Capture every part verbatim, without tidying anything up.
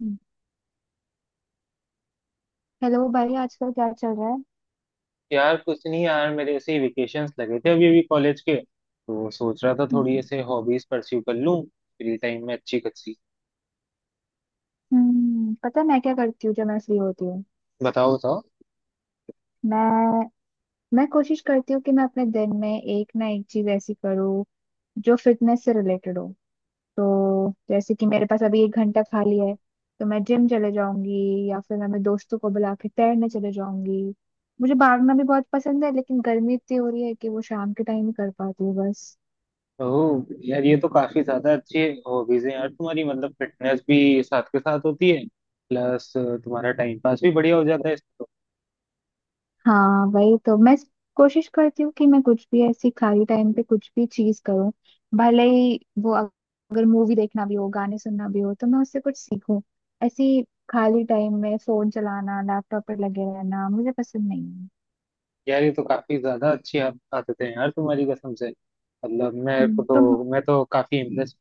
हम्म, hello भाई आजकल क्या चल रहा है। यार कुछ नहीं यार, मेरे ऐसे ही वेकेशंस लगे थे अभी अभी कॉलेज के, तो सोच रहा था थोड़ी हम्म। ऐसे हॉबीज परस्यू कर लूं फ्री टाइम में अच्छी खासी। हम्म, पता है मैं क्या करती हूँ जब मैं फ्री होती हूँ। बताओ बताओ। मैं मैं कोशिश करती हूँ कि मैं अपने दिन में एक ना एक चीज ऐसी करूँ जो फिटनेस से रिलेटेड हो। तो जैसे कि मेरे पास अभी एक घंटा खाली है तो मैं जिम चले जाऊंगी या फिर मैं अपने दोस्तों को बुला के तैरने चले जाऊंगी। मुझे भागना भी बहुत पसंद है लेकिन गर्मी इतनी हो रही है कि वो शाम के टाइम ही कर पाती हूँ बस। ओह यार, ये तो काफी ज्यादा अच्छी हॉबीज है यार तुम्हारी। मतलब फिटनेस भी साथ के साथ होती है, प्लस तुम्हारा टाइम पास भी बढ़िया हो जाता है इससे तो। हाँ, वही तो मैं कोशिश करती हूँ कि मैं कुछ भी ऐसी खाली टाइम पे कुछ भी चीज करूँ। भले ही वो अग- अगर मूवी देखना भी हो, गाने सुनना भी हो तो मैं उससे कुछ सीखूं ऐसी। खाली टाइम में फोन चलाना, लैपटॉप पर लगे रहना मुझे पसंद नहीं है। यार ये तो काफी ज्यादा अच्छी आद- आदतें हैं यार तुम्हारी। कसम से, मतलब मेरे को हम्म, तुम तो, मैं तो काफी इम्प्रेस।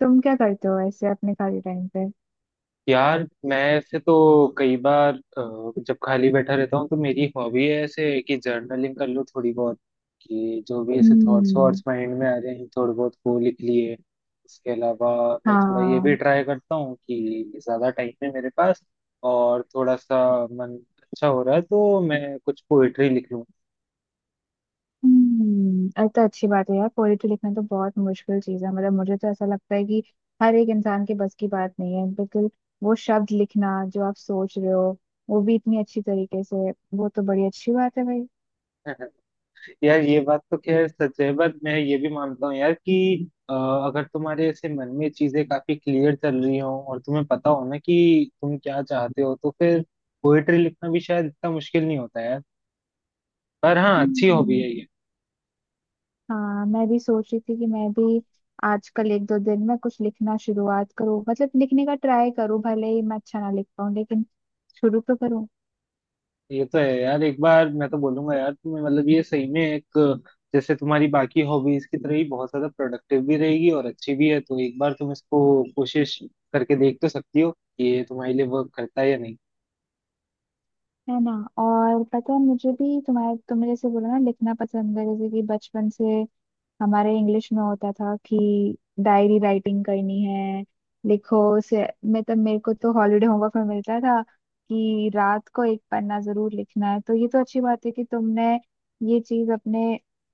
तुम क्या करते हो ऐसे अपने खाली टाइम पे। यार, मैं ऐसे तो कई बार अ, जब खाली बैठा रहता हूँ तो मेरी हॉबी है ऐसे कि जर्नलिंग कर लो थोड़ी बहुत, कि जो भी ऐसे थॉट्स हम्म। वॉट्स माइंड में आ रहे हैं थोड़े बहुत, वो लिख लिए। इसके अलावा मैं थोड़ा ये भी हाँ। ट्राई करता हूँ कि ज़्यादा टाइम है मेरे पास और थोड़ा सा मन अच्छा हो रहा है तो मैं कुछ पोइट्री लिख लूँ। हम्म, अरे तो अच्छी बात है यार, पोएट्री लिखना तो बहुत मुश्किल चीज है। मतलब मुझे तो ऐसा लगता है कि हर एक इंसान के बस की बात नहीं है बिल्कुल। वो शब्द लिखना जो आप सोच रहे हो, वो भी इतनी अच्छी तरीके से, वो तो बड़ी अच्छी बात है भाई। यार ये बात तो खैर सच है, बट मैं ये भी मानता हूँ यार कि अ, अगर तुम्हारे ऐसे मन में चीजें काफी क्लियर चल रही हो और तुम्हें पता हो ना कि तुम क्या चाहते हो, तो फिर पोएट्री लिखना भी शायद इतना मुश्किल नहीं होता यार। पर हाँ, अच्छी हॉबी हम्म। है ये। हाँ, मैं भी सोच रही थी कि मैं भी आजकल एक दो दिन में कुछ लिखना शुरुआत करूँ, मतलब लिखने का ट्राई करूँ भले ही मैं अच्छा ना लिख पाऊँ लेकिन शुरू तो करूँ। ये तो है यार। एक बार मैं तो बोलूंगा यार तुम्हें, मतलब ये सही में एक, जैसे तुम्हारी बाकी हॉबीज की तरह ही बहुत ज्यादा प्रोडक्टिव भी रहेगी और अच्छी भी है, तो एक बार तुम इसको कोशिश करके देख तो सकती हो कि ये तुम्हारे लिए वर्क करता है या नहीं। है ना। और पता है मुझे भी तुम्हारे, तुमने जैसे बोला ना लिखना पसंद है, जैसे कि बचपन से हमारे इंग्लिश में होता था कि डायरी राइटिंग करनी है, लिखो से, मतलब मेरे को तो हॉलीडे होमवर्क में मिलता था कि रात को एक पन्ना जरूर लिखना है। तो ये तो अच्छी बात है कि तुमने ये चीज अपने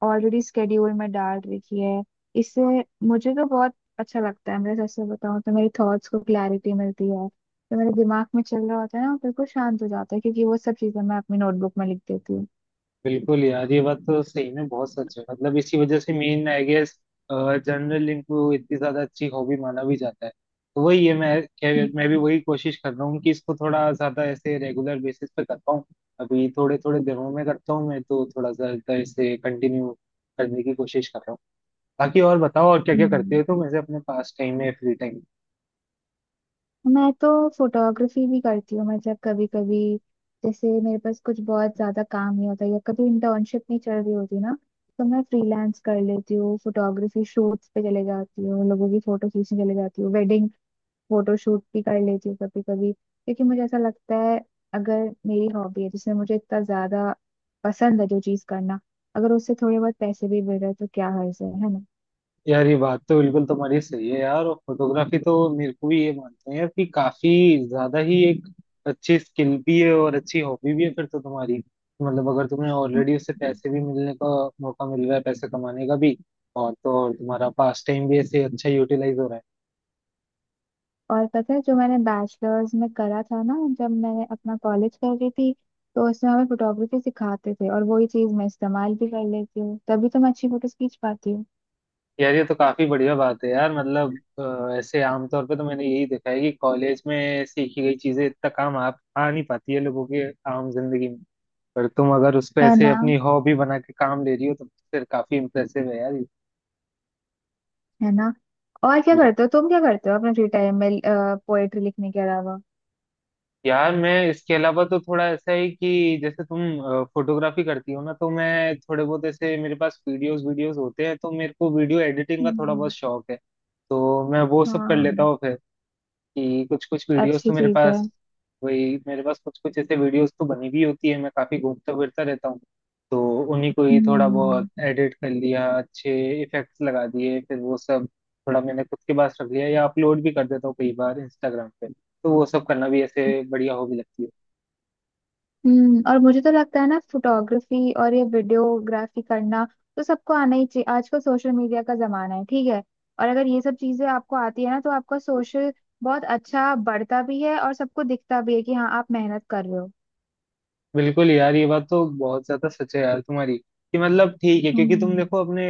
ऑलरेडी स्केड्यूल में डाल रखी है। इससे मुझे तो बहुत अच्छा लगता है, मैं सच से बताऊं तो मेरी थॉट्स को क्लैरिटी मिलती है। तो मेरे दिमाग में चल रहा होता है ना, वो बिल्कुल शांत हो जाता है क्योंकि वो सब चीजें मैं अपनी नोटबुक में लिख देती हूँ। बिल्कुल यार, ये बात तो सही में बहुत सच है। मतलब इसी वजह से मेन आई गेस जनरल लिंक को इतनी ज्यादा अच्छी हॉबी माना भी जाता है। तो वही है, मैं खैर, मैं भी वही कोशिश कर रहा हूँ कि इसको थोड़ा ज्यादा ऐसे रेगुलर बेसिस पे कर पाऊँ। अभी थोड़े थोड़े दिनों में करता हूँ, मैं तो थोड़ा सा इसे कंटिन्यू करने की कोशिश कर रहा हूँ। बाकी और बताओ, और क्या क्या करते हम्म। हो तुम ऐसे अपने पास टाइम में, फ्री टाइम। मैं तो फोटोग्राफी भी करती हूँ, मतलब कभी कभी। जैसे मेरे पास कुछ बहुत ज्यादा काम नहीं होता या कभी इंटर्नशिप नहीं चल रही होती ना, तो मैं फ्रीलांस कर लेती हूँ, फोटोग्राफी शूट्स पे चले जाती हूँ, लोगों की फोटो खींचने चले जाती हूँ, वेडिंग फोटो शूट भी कर लेती हूँ कभी कभी, क्योंकि मुझे ऐसा लगता है अगर मेरी हॉबी है जिसमें मुझे इतना ज्यादा पसंद है जो चीज करना, अगर उससे थोड़े बहुत पैसे भी मिल रहे हैं तो क्या हर्ज है। है यार ये बात तो बिल्कुल तुम्हारी सही है यार। और फोटोग्राफी तो मेरे को भी, ये मानते हैं यार, कि काफी ज्यादा ही एक अच्छी स्किल भी है और अच्छी हॉबी भी है। फिर तो तुम्हारी, मतलब अगर तुम्हें ना। ऑलरेडी उससे पैसे भी मिलने का मौका मिल रहा है, पैसे कमाने का भी, और तो और तुम्हारा पास टाइम भी ऐसे अच्छा यूटिलाइज हो रहा है। और पता है, जो मैंने बैचलर्स में करा था ना, जब मैंने अपना कॉलेज कर रही थी, तो उसमें हमें फोटोग्राफी सिखाते थे और वही चीज मैं इस्तेमाल भी कर लेती हूँ, तभी तो मैं अच्छी फोटोज खींच पाती हूँ। यार ये तो काफी बढ़िया बात है यार। मतलब अ, ऐसे आमतौर पे तो मैंने यही देखा है कि कॉलेज में सीखी गई चीजें इतना काम आ, आ नहीं पाती है लोगों के आम जिंदगी में। पर तुम अगर उस पे है ऐसे ना। अपनी हॉबी बना के काम ले रही हो, तो फिर काफी इम्प्रेसिव है यार ये। है ना। और क्या बिल्कुल। करते हो तुम, क्या करते हो अपने फ्री टाइम में पोएट्री लिखने के अलावा। यार मैं इसके अलावा तो थोड़ा ऐसा है कि जैसे तुम फोटोग्राफी करती हो ना, तो मैं थोड़े बहुत ऐसे मेरे पास वीडियोस वीडियोस होते हैं, तो मेरे को वीडियो एडिटिंग का थोड़ा बहुत हम्म। शौक है, तो मैं वो सब कर लेता हाँ। हूँ। कि कुछ कुछ वीडियोस अच्छी तो मेरे चीज है। पास, वही मेरे पास कुछ कुछ ऐसे वीडियोस तो बनी भी होती है। मैं काफी घूमता फिरता रहता हूँ, तो उन्हीं को ही थोड़ा बहुत हम्म। एडिट कर लिया, अच्छे इफेक्ट्स लगा दिए, फिर वो सब थोड़ा मैंने खुद के पास रख लिया या अपलोड भी कर देता हूँ कई बार इंस्टाग्राम पे। तो वो सब करना भी ऐसे बढ़िया हॉबी लगती है। हम्म, और मुझे तो लगता है ना, फोटोग्राफी और ये वीडियोग्राफी करना तो सबको आना ही चाहिए। आजकल सोशल मीडिया का जमाना है, ठीक है। और अगर ये सब चीजें आपको आती है ना, तो आपका सोशल बहुत अच्छा बढ़ता भी है और सबको दिखता भी है कि हाँ, आप मेहनत कर रहे हो। बिल्कुल यार, ये बात तो बहुत ज्यादा सच है यार तुम्हारी, कि मतलब ठीक है क्योंकि तुम हम्म। देखो अपने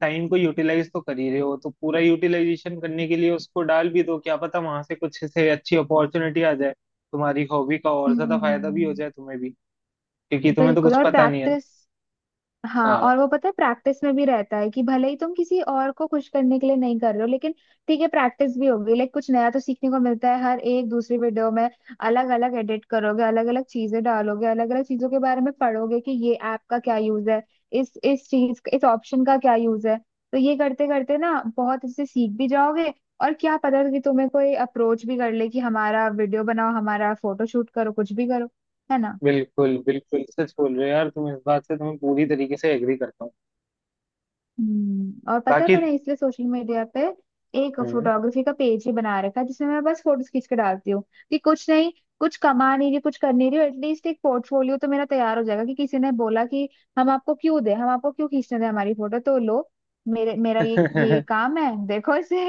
टाइम को यूटिलाइज तो कर ही रहे हो, तो पूरा यूटिलाइजेशन करने के लिए उसको डाल भी दो। क्या पता वहां से कुछ से अच्छी अपॉर्चुनिटी आ जाए, तुम्हारी हॉबी का और ज्यादा फायदा भी हो हम्म। जाए तुम्हें भी, क्योंकि तुम्हें तो बिल्कुल, कुछ और पता नहीं है ना। प्रैक्टिस। हाँ, हाँ। और वो पता है प्रैक्टिस में भी रहता है कि भले ही तुम किसी और को खुश करने के लिए नहीं कर रहे हो लेकिन ठीक है, प्रैक्टिस भी होगी, लाइक कुछ नया तो सीखने को मिलता है हर एक दूसरी वीडियो में। अलग अलग एडिट करोगे, अलग अलग चीजें डालोगे, अलग अलग चीजों के बारे में पढ़ोगे कि ये ऐप का क्या यूज है, इस इस चीज, इस ऑप्शन का क्या यूज है। तो ये करते करते ना बहुत इससे सीख भी जाओगे। और क्या पता कि तुम्हें कोई अप्रोच भी कर ले कि हमारा वीडियो बनाओ, हमारा फोटो शूट करो, कुछ भी करो। है ना। बिल्कुल बिल्कुल, सच बोल रहे हो यार तुम। इस बात से तुम्हें पूरी तरीके से एग्री करता हूँ। हम्म, और पता है बाकी मैंने इसलिए सोशल मीडिया पे एक हम्म। फोटोग्राफी का पेज ही बना रखा है जिसमें मैं बस फोटोज खींच के डालती हूँ। कि कुछ नहीं, कुछ कमा नहीं रही, कुछ कर नहीं रही, एटलीस्ट एक पोर्टफोलियो तो मेरा तैयार हो जाएगा कि किसी ने बोला कि हम आपको क्यों दे, हम आपको क्यों खींचने दें हमारी फोटो, तो लो, मेरे मेरा ये ये काम है, देखो इसे।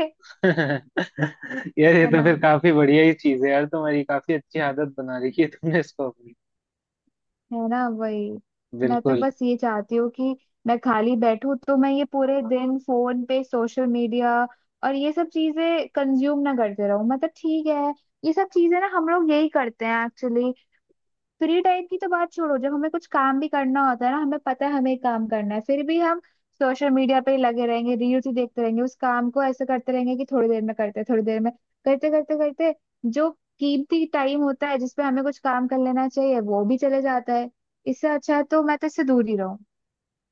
यार ये है तो ना। फिर काफी बढ़िया ही चीज है यार तुम्हारी। काफी अच्छी आदत बना रखी है तुमने इसको अपनी। है ना, वही। मैं तो बिल्कुल। बस ये चाहती हूँ कि मैं खाली बैठूं तो मैं ये पूरे दिन फोन पे सोशल मीडिया और ये सब चीजें कंज्यूम ना करते रहूं, मतलब ठीक है। ये सब चीजें ना हम लोग यही करते हैं एक्चुअली, फ्री टाइम की तो बात छोड़ो, जब हमें कुछ काम भी करना होता है ना, हमें पता है हमें काम करना है, फिर भी हम सोशल मीडिया पे ही लगे रहेंगे, रील्स ही देखते रहेंगे, उस काम को ऐसे करते रहेंगे कि थोड़ी देर में करते, थोड़ी देर में करते करते करते जो कीमती टाइम होता है जिसपे हमें कुछ काम कर लेना चाहिए वो भी चले जाता है। इससे अच्छा है तो मैं तो इससे दूर ही रहूं।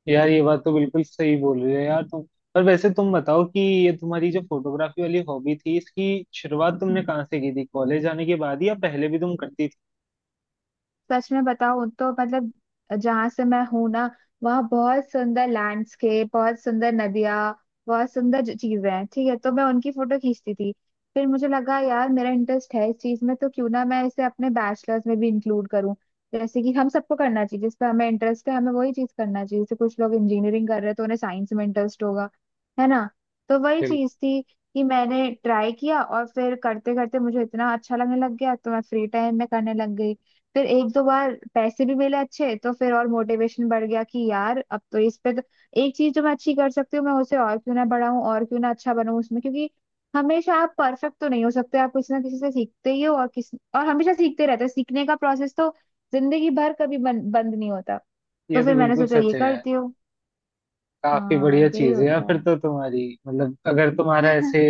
यार ये बात तो बिल्कुल सही बोल रही हो यार तुम। पर वैसे तुम बताओ, कि ये तुम्हारी जो फोटोग्राफी वाली हॉबी थी, इसकी शुरुआत तुमने हम्म। कहाँ से की थी? कॉलेज जाने के बाद या पहले भी तुम करती थी? सच में बताऊं तो मतलब जहां से मैं हूं ना, वहाँ बहुत सुंदर लैंडस्केप, बहुत सुंदर नदियाँ, बहुत सुंदर ज- चीजें हैं, ठीक है। तो मैं उनकी फोटो खींचती थी। फिर मुझे लगा यार मेरा इंटरेस्ट है इस चीज में, तो क्यों ना मैं इसे अपने बैचलर्स में भी इंक्लूड करूँ। जैसे कि हम सबको करना चाहिए, जिस पे हमें इंटरेस्ट है हमें वही चीज करना चाहिए। जैसे कुछ लोग इंजीनियरिंग कर रहे हैं तो उन्हें साइंस में इंटरेस्ट होगा। है ना। तो वही बिल्कुल। चीज थी कि मैंने ट्राई किया, और फिर करते करते मुझे इतना अच्छा लगने लग गया तो मैं फ्री टाइम में करने लग गई। फिर एक दो बार पैसे भी मिले अच्छे, तो फिर और मोटिवेशन बढ़ गया कि यार अब तो इस पे तो एक चीज जो मैं अच्छी कर सकती हूँ मैं उसे और क्यों ना बढ़ाऊँ और क्यों ना अच्छा बनूं उसमें, क्योंकि हमेशा आप परफेक्ट तो नहीं हो सकते, आप किसी ना किसी से सीखते ही हो और किसी और हमेशा सीखते रहते हो। सीखने का प्रोसेस तो जिंदगी भर कभी बन, बंद नहीं होता। तो ये फिर तो मैंने बिल्कुल सोचा ये सच है यार। करती हूँ। काफी हाँ बढ़िया यही चीज है यार होता फिर है। तो तुम्हारी। मतलब अगर तुम्हारा ऐसे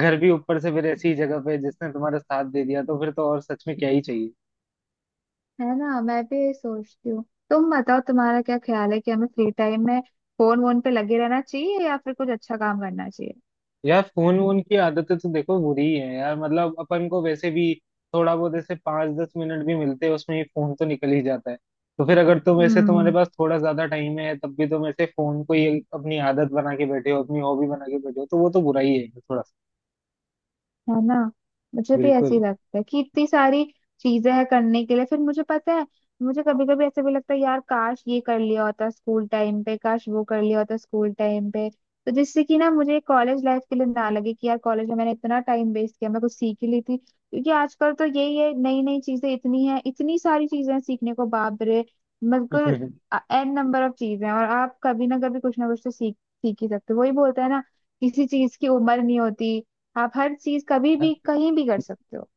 घर भी ऊपर से फिर ऐसी जगह पे जिसने तुम्हारा साथ दे दिया, तो फिर तो और सच में क्या ही चाहिए। है ना, मैं भी यही सोचती हूँ। तुम बताओ तुम्हारा क्या ख्याल है कि हमें फ्री टाइम में फोन वोन पे लगे रहना चाहिए या फिर कुछ अच्छा काम करना चाहिए। यार फोन वोन की आदतें तो देखो बुरी ही है यार। मतलब अपन को वैसे भी थोड़ा बहुत ऐसे पाँच दस मिनट भी मिलते हैं, उसमें ही फोन तो निकल ही जाता है। तो फिर अगर तुम, वैसे तुम्हारे हम्म। पास थोड़ा ज्यादा टाइम है, तब भी तुम ऐसे फोन को ही अपनी आदत बना के बैठे हो, अपनी हॉबी बना के बैठे हो, तो वो तो बुरा ही है थोड़ा सा। है ना। मुझे भी ऐसे ही बिल्कुल। लगता है कि इतनी सारी चीजें हैं करने के लिए। फिर मुझे पता है, मुझे कभी कभी ऐसे भी लगता है यार काश ये कर लिया होता स्कूल टाइम पे, काश वो कर लिया होता स्कूल टाइम पे, तो जिससे कि ना मुझे कॉलेज लाइफ के लिए ना लगे कि यार कॉलेज में मैंने इतना टाइम वेस्ट किया, मैं कुछ सीख ही ली थी। क्योंकि आजकल तो यही है नई नई चीजें, इतनी है इतनी सारी चीजें हैं सीखने को, बाप रे, बिल्कुल। एन नंबर ऑफ चीजें हैं, और आप कभी ना कभी कुछ ना कुछ तो सीख सीख ही सकते हो। वही बोलते हैं ना, किसी चीज की उम्र नहीं होती, आप हर चीज कभी भी कहीं भी कर सकते हो।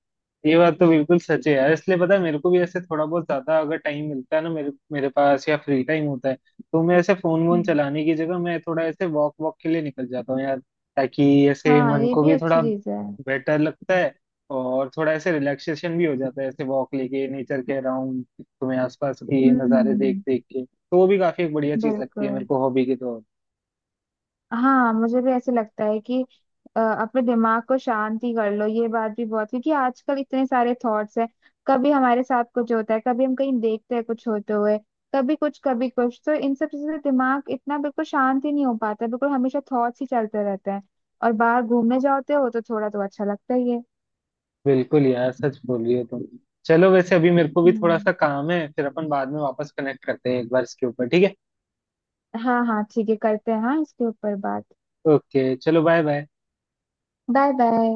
ये बात तो बिल्कुल सच है यार। इसलिए पता है मेरे को भी ऐसे, थोड़ा बहुत ज्यादा अगर टाइम मिलता है ना मेरे मेरे पास या फ्री टाइम होता है, तो मैं ऐसे फोन वोन हम्म। चलाने की जगह मैं थोड़ा ऐसे वॉक वॉक के लिए निकल जाता हूँ यार, ताकि ऐसे हाँ, मन ये को भी भी अच्छी थोड़ा चीज है। बेटर लगता है। और थोड़ा ऐसे रिलैक्सेशन भी हो जाता है ऐसे वॉक लेके, नेचर के अराउंड, तुम्हें आसपास के नज़ारे देख हम्म, देख के, तो वो भी काफी एक बढ़िया चीज लगती है मेरे बिल्कुल। को हॉबी के तौर हाँ मुझे भी ऐसे लगता है कि अ, अपने दिमाग को शांति कर लो ये बात भी बहुत, क्योंकि आजकल इतने सारे थॉट्स हैं। कभी हमारे साथ कुछ होता है, कभी हम कहीं देखते हैं कुछ होते हुए, कभी कुछ कभी कुछ, तो इन सब चीजों से दिमाग इतना बिल्कुल शांत ही नहीं हो पाता है बिल्कुल, हमेशा थॉट्स ही चलते रहते हैं। और बाहर घूमने जाते हो तो थोड़ा तो अच्छा लगता ही है। पे। बिल्कुल यार, सच बोल रही हो तुम। चलो, वैसे अभी मेरे को भी थोड़ा हम्म। सा काम है, फिर अपन बाद में वापस कनेक्ट करते हैं एक बार इसके ऊपर, ठीक है। हाँ हाँ ठीक है, करते हैं, हाँ इसके ऊपर बात। ओके, चलो, बाय बाय। Bye bye.